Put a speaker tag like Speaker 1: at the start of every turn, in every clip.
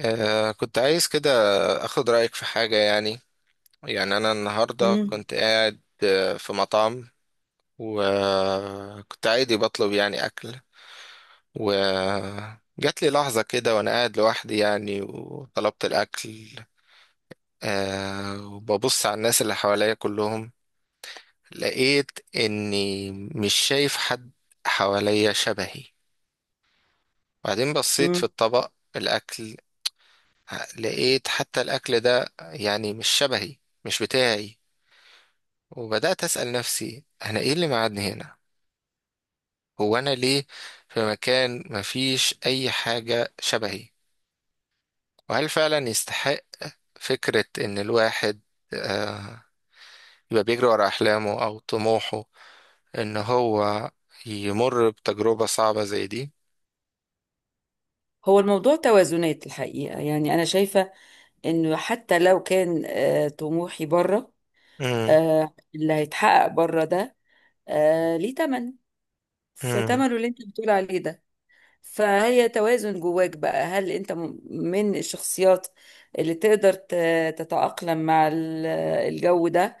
Speaker 1: آه، كنت عايز كده أخد رأيك في حاجة يعني أنا النهاردة
Speaker 2: مم.
Speaker 1: كنت قاعد في مطعم، وكنت عادي بطلب يعني أكل، وجات لي لحظة كده وأنا قاعد لوحدي يعني وطلبت الأكل. وببص على الناس اللي حواليا كلهم، لقيت إني مش شايف حد حواليا شبهي. بعدين بصيت في
Speaker 2: مم.
Speaker 1: الطبق الأكل، لقيت حتى الأكل ده يعني مش شبهي، مش بتاعي. وبدأت أسأل نفسي أنا إيه اللي معادني هنا؟ هو أنا ليه في مكان مفيش أي حاجة شبهي؟ وهل فعلا يستحق فكرة إن الواحد آه، يبقى بيجري ورا أحلامه أو طموحه إن هو يمر بتجربة صعبة زي دي؟
Speaker 2: هو الموضوع توازنات الحقيقة، يعني أنا شايفة إنه حتى لو كان طموحي بره،
Speaker 1: مم.
Speaker 2: اللي هيتحقق بره ده ليه تمن.
Speaker 1: مم.
Speaker 2: فتمنه اللي أنت بتقول عليه ده، فهي توازن جواك بقى. هل أنت من الشخصيات اللي تقدر تتأقلم مع الجو ده،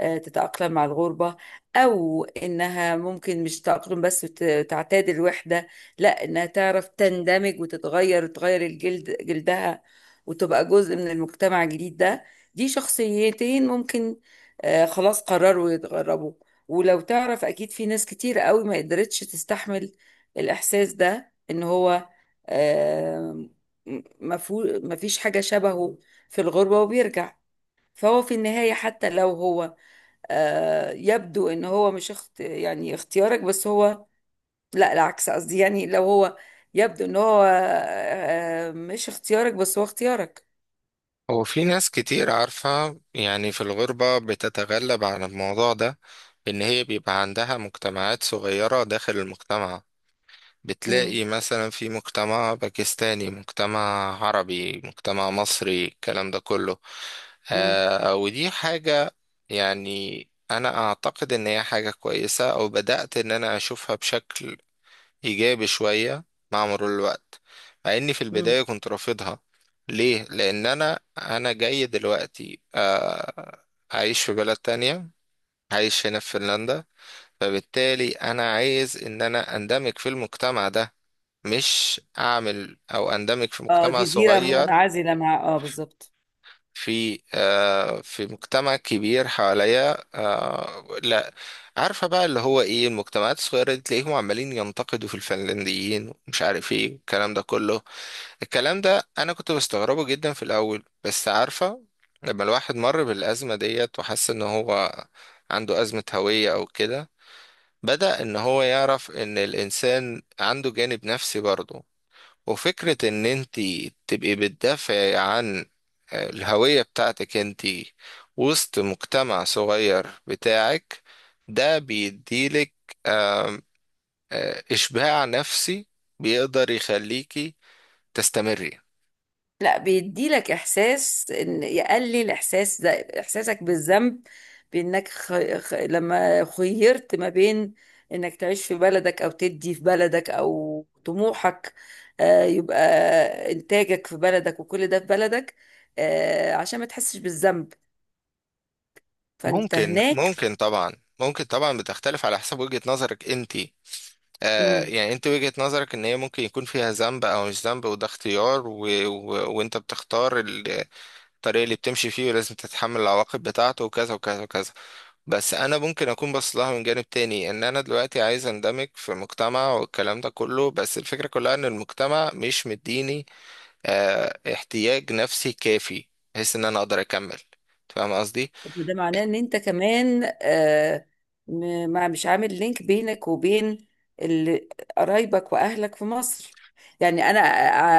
Speaker 2: تتأقلم مع الغربة، أو إنها ممكن مش تأقلم بس وتعتاد الوحدة، لا إنها تعرف تندمج وتتغير وتغير الجلد جلدها وتبقى جزء من المجتمع الجديد ده. دي شخصيتين ممكن خلاص قرروا يتغربوا. ولو تعرف أكيد في ناس كتير قوي ما قدرتش تستحمل الإحساس ده، إن هو آه، مفيش حاجة شبهه في الغربة، وبيرجع. فهو في النهاية حتى لو هو يبدو ان هو مش يعني اختيارك، بس هو، لا العكس قصدي، يعني لو هو يبدو ان هو مش اختيارك، بس هو اختيارك.
Speaker 1: هو في ناس كتير عارفة يعني في الغربة بتتغلب على الموضوع ده، إن هي بيبقى عندها مجتمعات صغيرة داخل المجتمع.
Speaker 2: مم.
Speaker 1: بتلاقي مثلا في مجتمع باكستاني، مجتمع عربي، مجتمع مصري، الكلام ده كله.
Speaker 2: مم.
Speaker 1: آه ودي حاجة يعني أنا أعتقد إن هي حاجة كويسة، أو بدأت إن أنا أشوفها بشكل إيجابي شوية مع مرور الوقت، مع إني في
Speaker 2: مم.
Speaker 1: البداية كنت رافضها. ليه؟ لأن أنا جاي دلوقتي آه أعيش في بلد تانية، عايش هنا في فنلندا. فبالتالي أنا عايز إن أنا أندمج في المجتمع ده، مش اعمل او اندمج في
Speaker 2: اه،
Speaker 1: مجتمع
Speaker 2: جزيرة
Speaker 1: صغير.
Speaker 2: منعزلة مع بالظبط.
Speaker 1: في في مجتمع كبير حواليا، آه لا، عارفه بقى اللي هو ايه المجتمعات الصغيره دي، تلاقيهم عمالين ينتقدوا في الفنلنديين ومش عارف ايه الكلام ده كله. الكلام ده انا كنت بستغربه جدا في الاول، بس عارفه، لما الواحد مر بالازمه ديت وحس ان هو عنده ازمه هويه او كده، بدأ ان هو يعرف ان الانسان عنده جانب نفسي برضه. وفكرة ان انت تبقي بتدافعي عن الهوية بتاعتك انت وسط مجتمع صغير بتاعك، ده بيديلك آم، اشباع نفسي بيقدر يخليكي تستمري.
Speaker 2: لا، بيديلك احساس ان يقلل احساس ده، احساسك بالذنب بانك لما خيرت ما بين انك تعيش في بلدك او تدي في بلدك او طموحك، يبقى انتاجك في بلدك وكل ده في بلدك، عشان ما تحسش بالذنب فانت
Speaker 1: ممكن
Speaker 2: هناك.
Speaker 1: ممكن طبعا ممكن طبعا. بتختلف على حسب وجهة نظرك انت. آه
Speaker 2: مم.
Speaker 1: يعني انت وجهة نظرك ان هي ممكن يكون فيها ذنب او مش ذنب، وده اختيار وانت بتختار الطريق اللي بتمشي فيه، ولازم تتحمل العواقب بتاعته وكذا وكذا وكذا. بس انا ممكن اكون باصص لها من جانب تاني، ان انا دلوقتي عايز اندمج في مجتمع والكلام ده كله، بس الفكرة كلها ان المجتمع مش مديني احتياج نفسي كافي بحيث ان انا اقدر اكمل. فاهم قصدي؟
Speaker 2: طب ما ده معناه ان انت كمان ما مش عامل لينك بينك وبين ال- قرايبك واهلك في مصر. يعني انا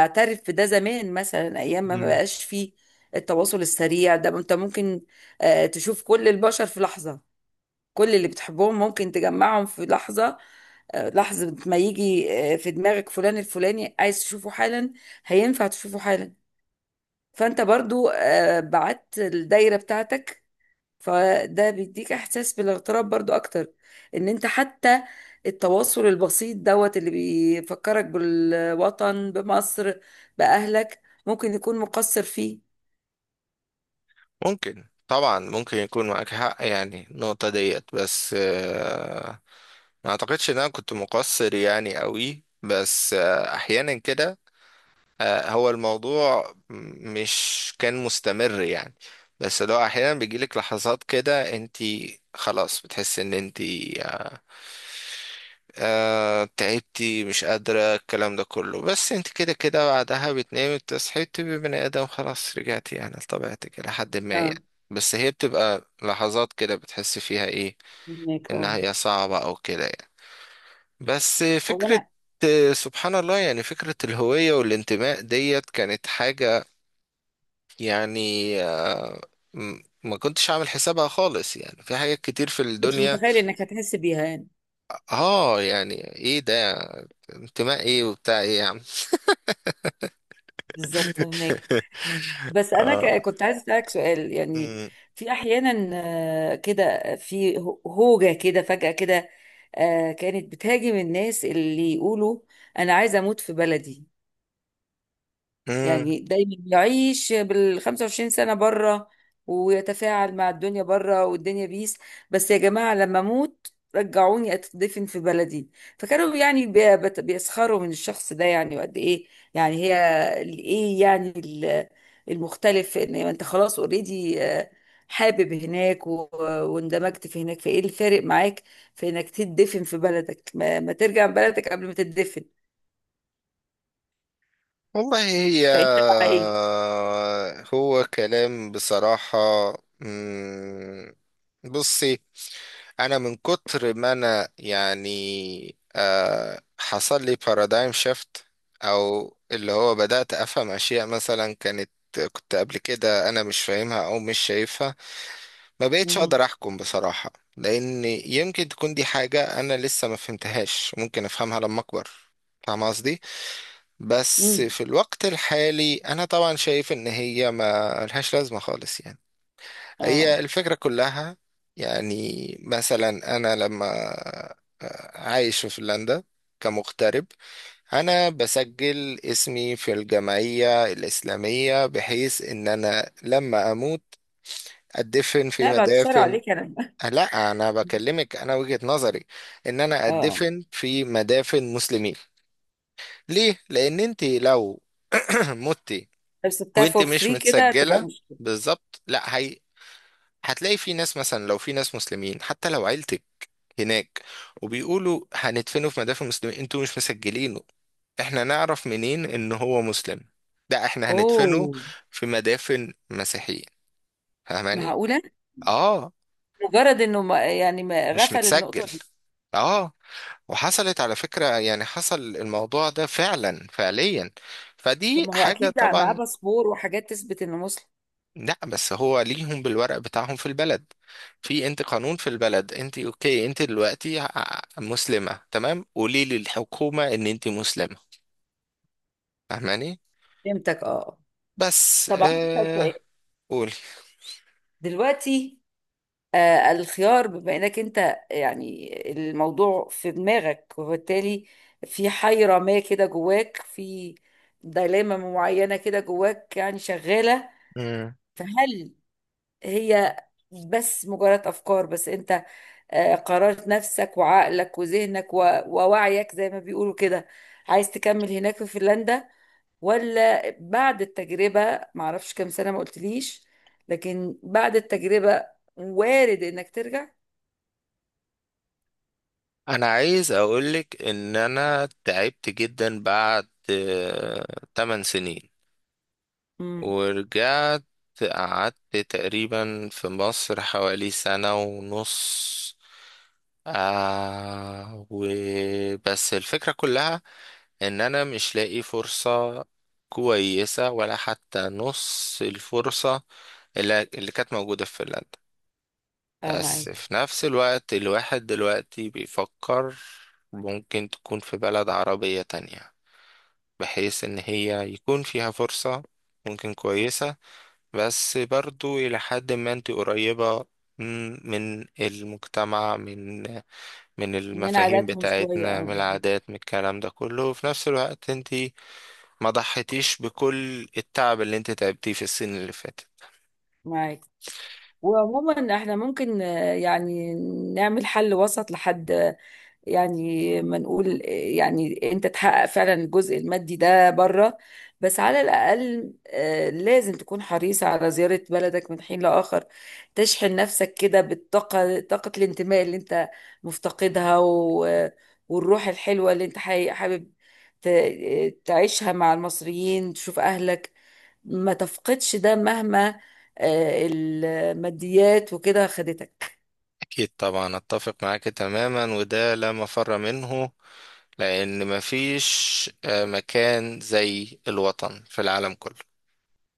Speaker 2: اعترف في ده، زمان مثلا ايام ما
Speaker 1: مم.
Speaker 2: بقاش فيه التواصل السريع ده، انت ممكن تشوف كل البشر في لحظة، كل اللي بتحبهم ممكن تجمعهم في لحظة، لحظة ما يجي في دماغك فلان الفلاني عايز تشوفه حالا، هينفع تشوفه حالا. فانت برضو بعت الدايرة بتاعتك، فده بيديك احساس بالاغتراب برضو اكتر، ان انت حتى التواصل البسيط دوت اللي بيفكرك بالوطن، بمصر، باهلك، ممكن يكون مقصر فيه.
Speaker 1: ممكن طبعا، ممكن يكون معاك حق يعني النقطة ديت، بس آه ما اعتقدش ان انا كنت مقصر يعني قوي، بس آه احيانا كده. هو الموضوع مش كان مستمر يعني، بس لو احيانا بيجيلك لحظات كده انت خلاص بتحس ان انت آه، تعبتي مش قادرة الكلام ده كله، بس انت كده كده بعدها بتنامي بتصحي بتبقي بني ادم خلاص رجعتي يعني لطبيعتك الى حد ما
Speaker 2: اه،
Speaker 1: يعني. بس هي بتبقى لحظات كده بتحس فيها ايه
Speaker 2: فهمك.
Speaker 1: انها
Speaker 2: اه،
Speaker 1: هي صعبة او كده. بس
Speaker 2: هو
Speaker 1: فكرة
Speaker 2: انا
Speaker 1: سبحان الله يعني فكرة الهوية والانتماء ديت كانت حاجة يعني آه، ما كنتش عامل حسابها خالص يعني في حاجات كتير في
Speaker 2: كنت
Speaker 1: الدنيا.
Speaker 2: متخيل انك هتحس بيها يعني.
Speaker 1: اه يعني ايه ده انتماء ايه وبتاع ايه يا عم؟
Speaker 2: بالظبط، فهمك. بس انا
Speaker 1: آه.
Speaker 2: كنت عايزه اسالك سؤال يعني.
Speaker 1: مم.
Speaker 2: في احيانا كده، في هوجه كده فجاه كده كانت بتهاجم الناس اللي يقولوا انا عايزه اموت في بلدي.
Speaker 1: مم.
Speaker 2: يعني دايما يعيش بال 25 سنة بره، ويتفاعل مع الدنيا بره والدنيا، بس يا جماعة لما اموت رجعوني اتدفن في بلدي. فكانوا يعني بيسخروا من الشخص ده، يعني وقد ايه، يعني هي ايه يعني المختلف ان انت خلاص اوريدي حابب هناك واندمجت في هناك، فايه الفارق معاك في انك تدفن في بلدك، ما ترجع بلدك قبل ما تدفن.
Speaker 1: والله هي
Speaker 2: فانت مع ايه؟
Speaker 1: هو كلام بصراحة. مم. بصي، انا من كتر ما انا يعني حصل لي بارادايم شيفت، او اللي هو بدأت افهم اشياء مثلا كانت، كنت قبل كده انا مش فاهمها او مش شايفها. ما بقيتش
Speaker 2: مم.
Speaker 1: اقدر احكم بصراحة، لان يمكن تكون دي حاجة انا لسه ما فهمتهاش، ممكن افهمها لما اكبر. فاهم قصدي؟ بس
Speaker 2: مم.
Speaker 1: في الوقت الحالي انا طبعا شايف ان هي ما لهاش لازمة خالص يعني. هي
Speaker 2: اه،
Speaker 1: الفكرة كلها يعني مثلا أنا لما عايش في فنلندا كمغترب، أنا بسجل اسمي في الجمعية الإسلامية بحيث إن أنا لما أموت أدفن في
Speaker 2: لا بعد الشر
Speaker 1: مدافن.
Speaker 2: عليك. انا
Speaker 1: لا أنا بكلمك أنا وجهة نظري إن أنا
Speaker 2: اه
Speaker 1: أدفن في مدافن مسلمين. ليه؟ لأن أنت لو متي
Speaker 2: لو سبتها
Speaker 1: وأنت
Speaker 2: فور
Speaker 1: مش
Speaker 2: فري كده تبقى
Speaker 1: متسجلة
Speaker 2: مشكله.
Speaker 1: بالظبط، لا، هتلاقي في ناس مثلا لو في ناس مسلمين حتى لو عيلتك هناك وبيقولوا هندفنه في مدافن مسلمين، انتوا مش مسجلينه، احنا نعرف منين ان هو مسلم؟ ده احنا هندفنه
Speaker 2: اوه،
Speaker 1: في مدافن مسيحيين. فاهماني؟
Speaker 2: معقوله،
Speaker 1: اه
Speaker 2: مجرد انه ما يعني ما
Speaker 1: مش
Speaker 2: غفل النقطه
Speaker 1: متسجل.
Speaker 2: دي.
Speaker 1: اه وحصلت على فكرة يعني حصل الموضوع ده فعلا فعليا،
Speaker 2: طب
Speaker 1: فدي
Speaker 2: ما هو
Speaker 1: حاجة
Speaker 2: اكيد معاه
Speaker 1: طبعا.
Speaker 2: باسبور وحاجات تثبت انه مسلم.
Speaker 1: لا بس هو ليهم بالورق بتاعهم في البلد، في انت قانون في البلد، انت اوكي انت دلوقتي مسلمة تمام، قولي للحكومة ان انت مسلمة. فاهماني؟
Speaker 2: فهمتك، اه.
Speaker 1: بس
Speaker 2: طبعا، اسال سؤال.
Speaker 1: قولي.
Speaker 2: دلوقتي الخيار، بما انك انت يعني الموضوع في دماغك، وبالتالي في حيره ما كده جواك، في ديلاما معينه كده جواك يعني شغاله.
Speaker 1: مم.
Speaker 2: فهل هي بس مجرد أفكار، بس أنت قررت نفسك وعقلك وذهنك ووعيك زي ما بيقولوا كده عايز تكمل هناك في فنلندا، ولا بعد التجربة، معرفش كام سنة ما قلتليش، لكن بعد التجربة وارد إنك ترجع.
Speaker 1: انا عايز اقولك ان انا تعبت جدا بعد آه 8 سنين
Speaker 2: امم.
Speaker 1: ورجعت، قعدت تقريبا في مصر حوالي سنة ونص. آه وبس الفكرة كلها ان انا مش لاقي فرصة كويسة ولا حتى نص الفرصة اللي كانت موجودة في فنلندا.
Speaker 2: اه،
Speaker 1: بس
Speaker 2: معاك.
Speaker 1: في نفس الوقت الواحد دلوقتي بيفكر ممكن تكون في بلد عربية تانية، بحيث ان هي يكون فيها فرصة ممكن كويسة، بس برضو إلى حد ما انت قريبة من المجتمع، من
Speaker 2: من
Speaker 1: المفاهيم
Speaker 2: عاداتهم شوية،
Speaker 1: بتاعتنا، من
Speaker 2: اه،
Speaker 1: العادات، من الكلام ده كله، وفي نفس الوقت انت ما ضحيتيش بكل التعب اللي انت تعبتيه في السنين اللي فاتت.
Speaker 2: معاك. وعموما احنا ممكن يعني نعمل حل وسط لحد، يعني ما نقول يعني انت تحقق فعلا الجزء المادي ده بره، بس على الأقل لازم تكون حريص على زيارة بلدك من حين لآخر، تشحن نفسك كده بالطاقة، طاقة الانتماء اللي انت مفتقدها والروح الحلوة اللي انت حابب ت... تعيشها مع المصريين، تشوف أهلك، ما تفقدش ده مهما الماديات وكده خدتك.
Speaker 1: اكيد طبعا اتفق معاك تماما، وده لا مفر منه، لان مفيش مكان زي الوطن في العالم كله.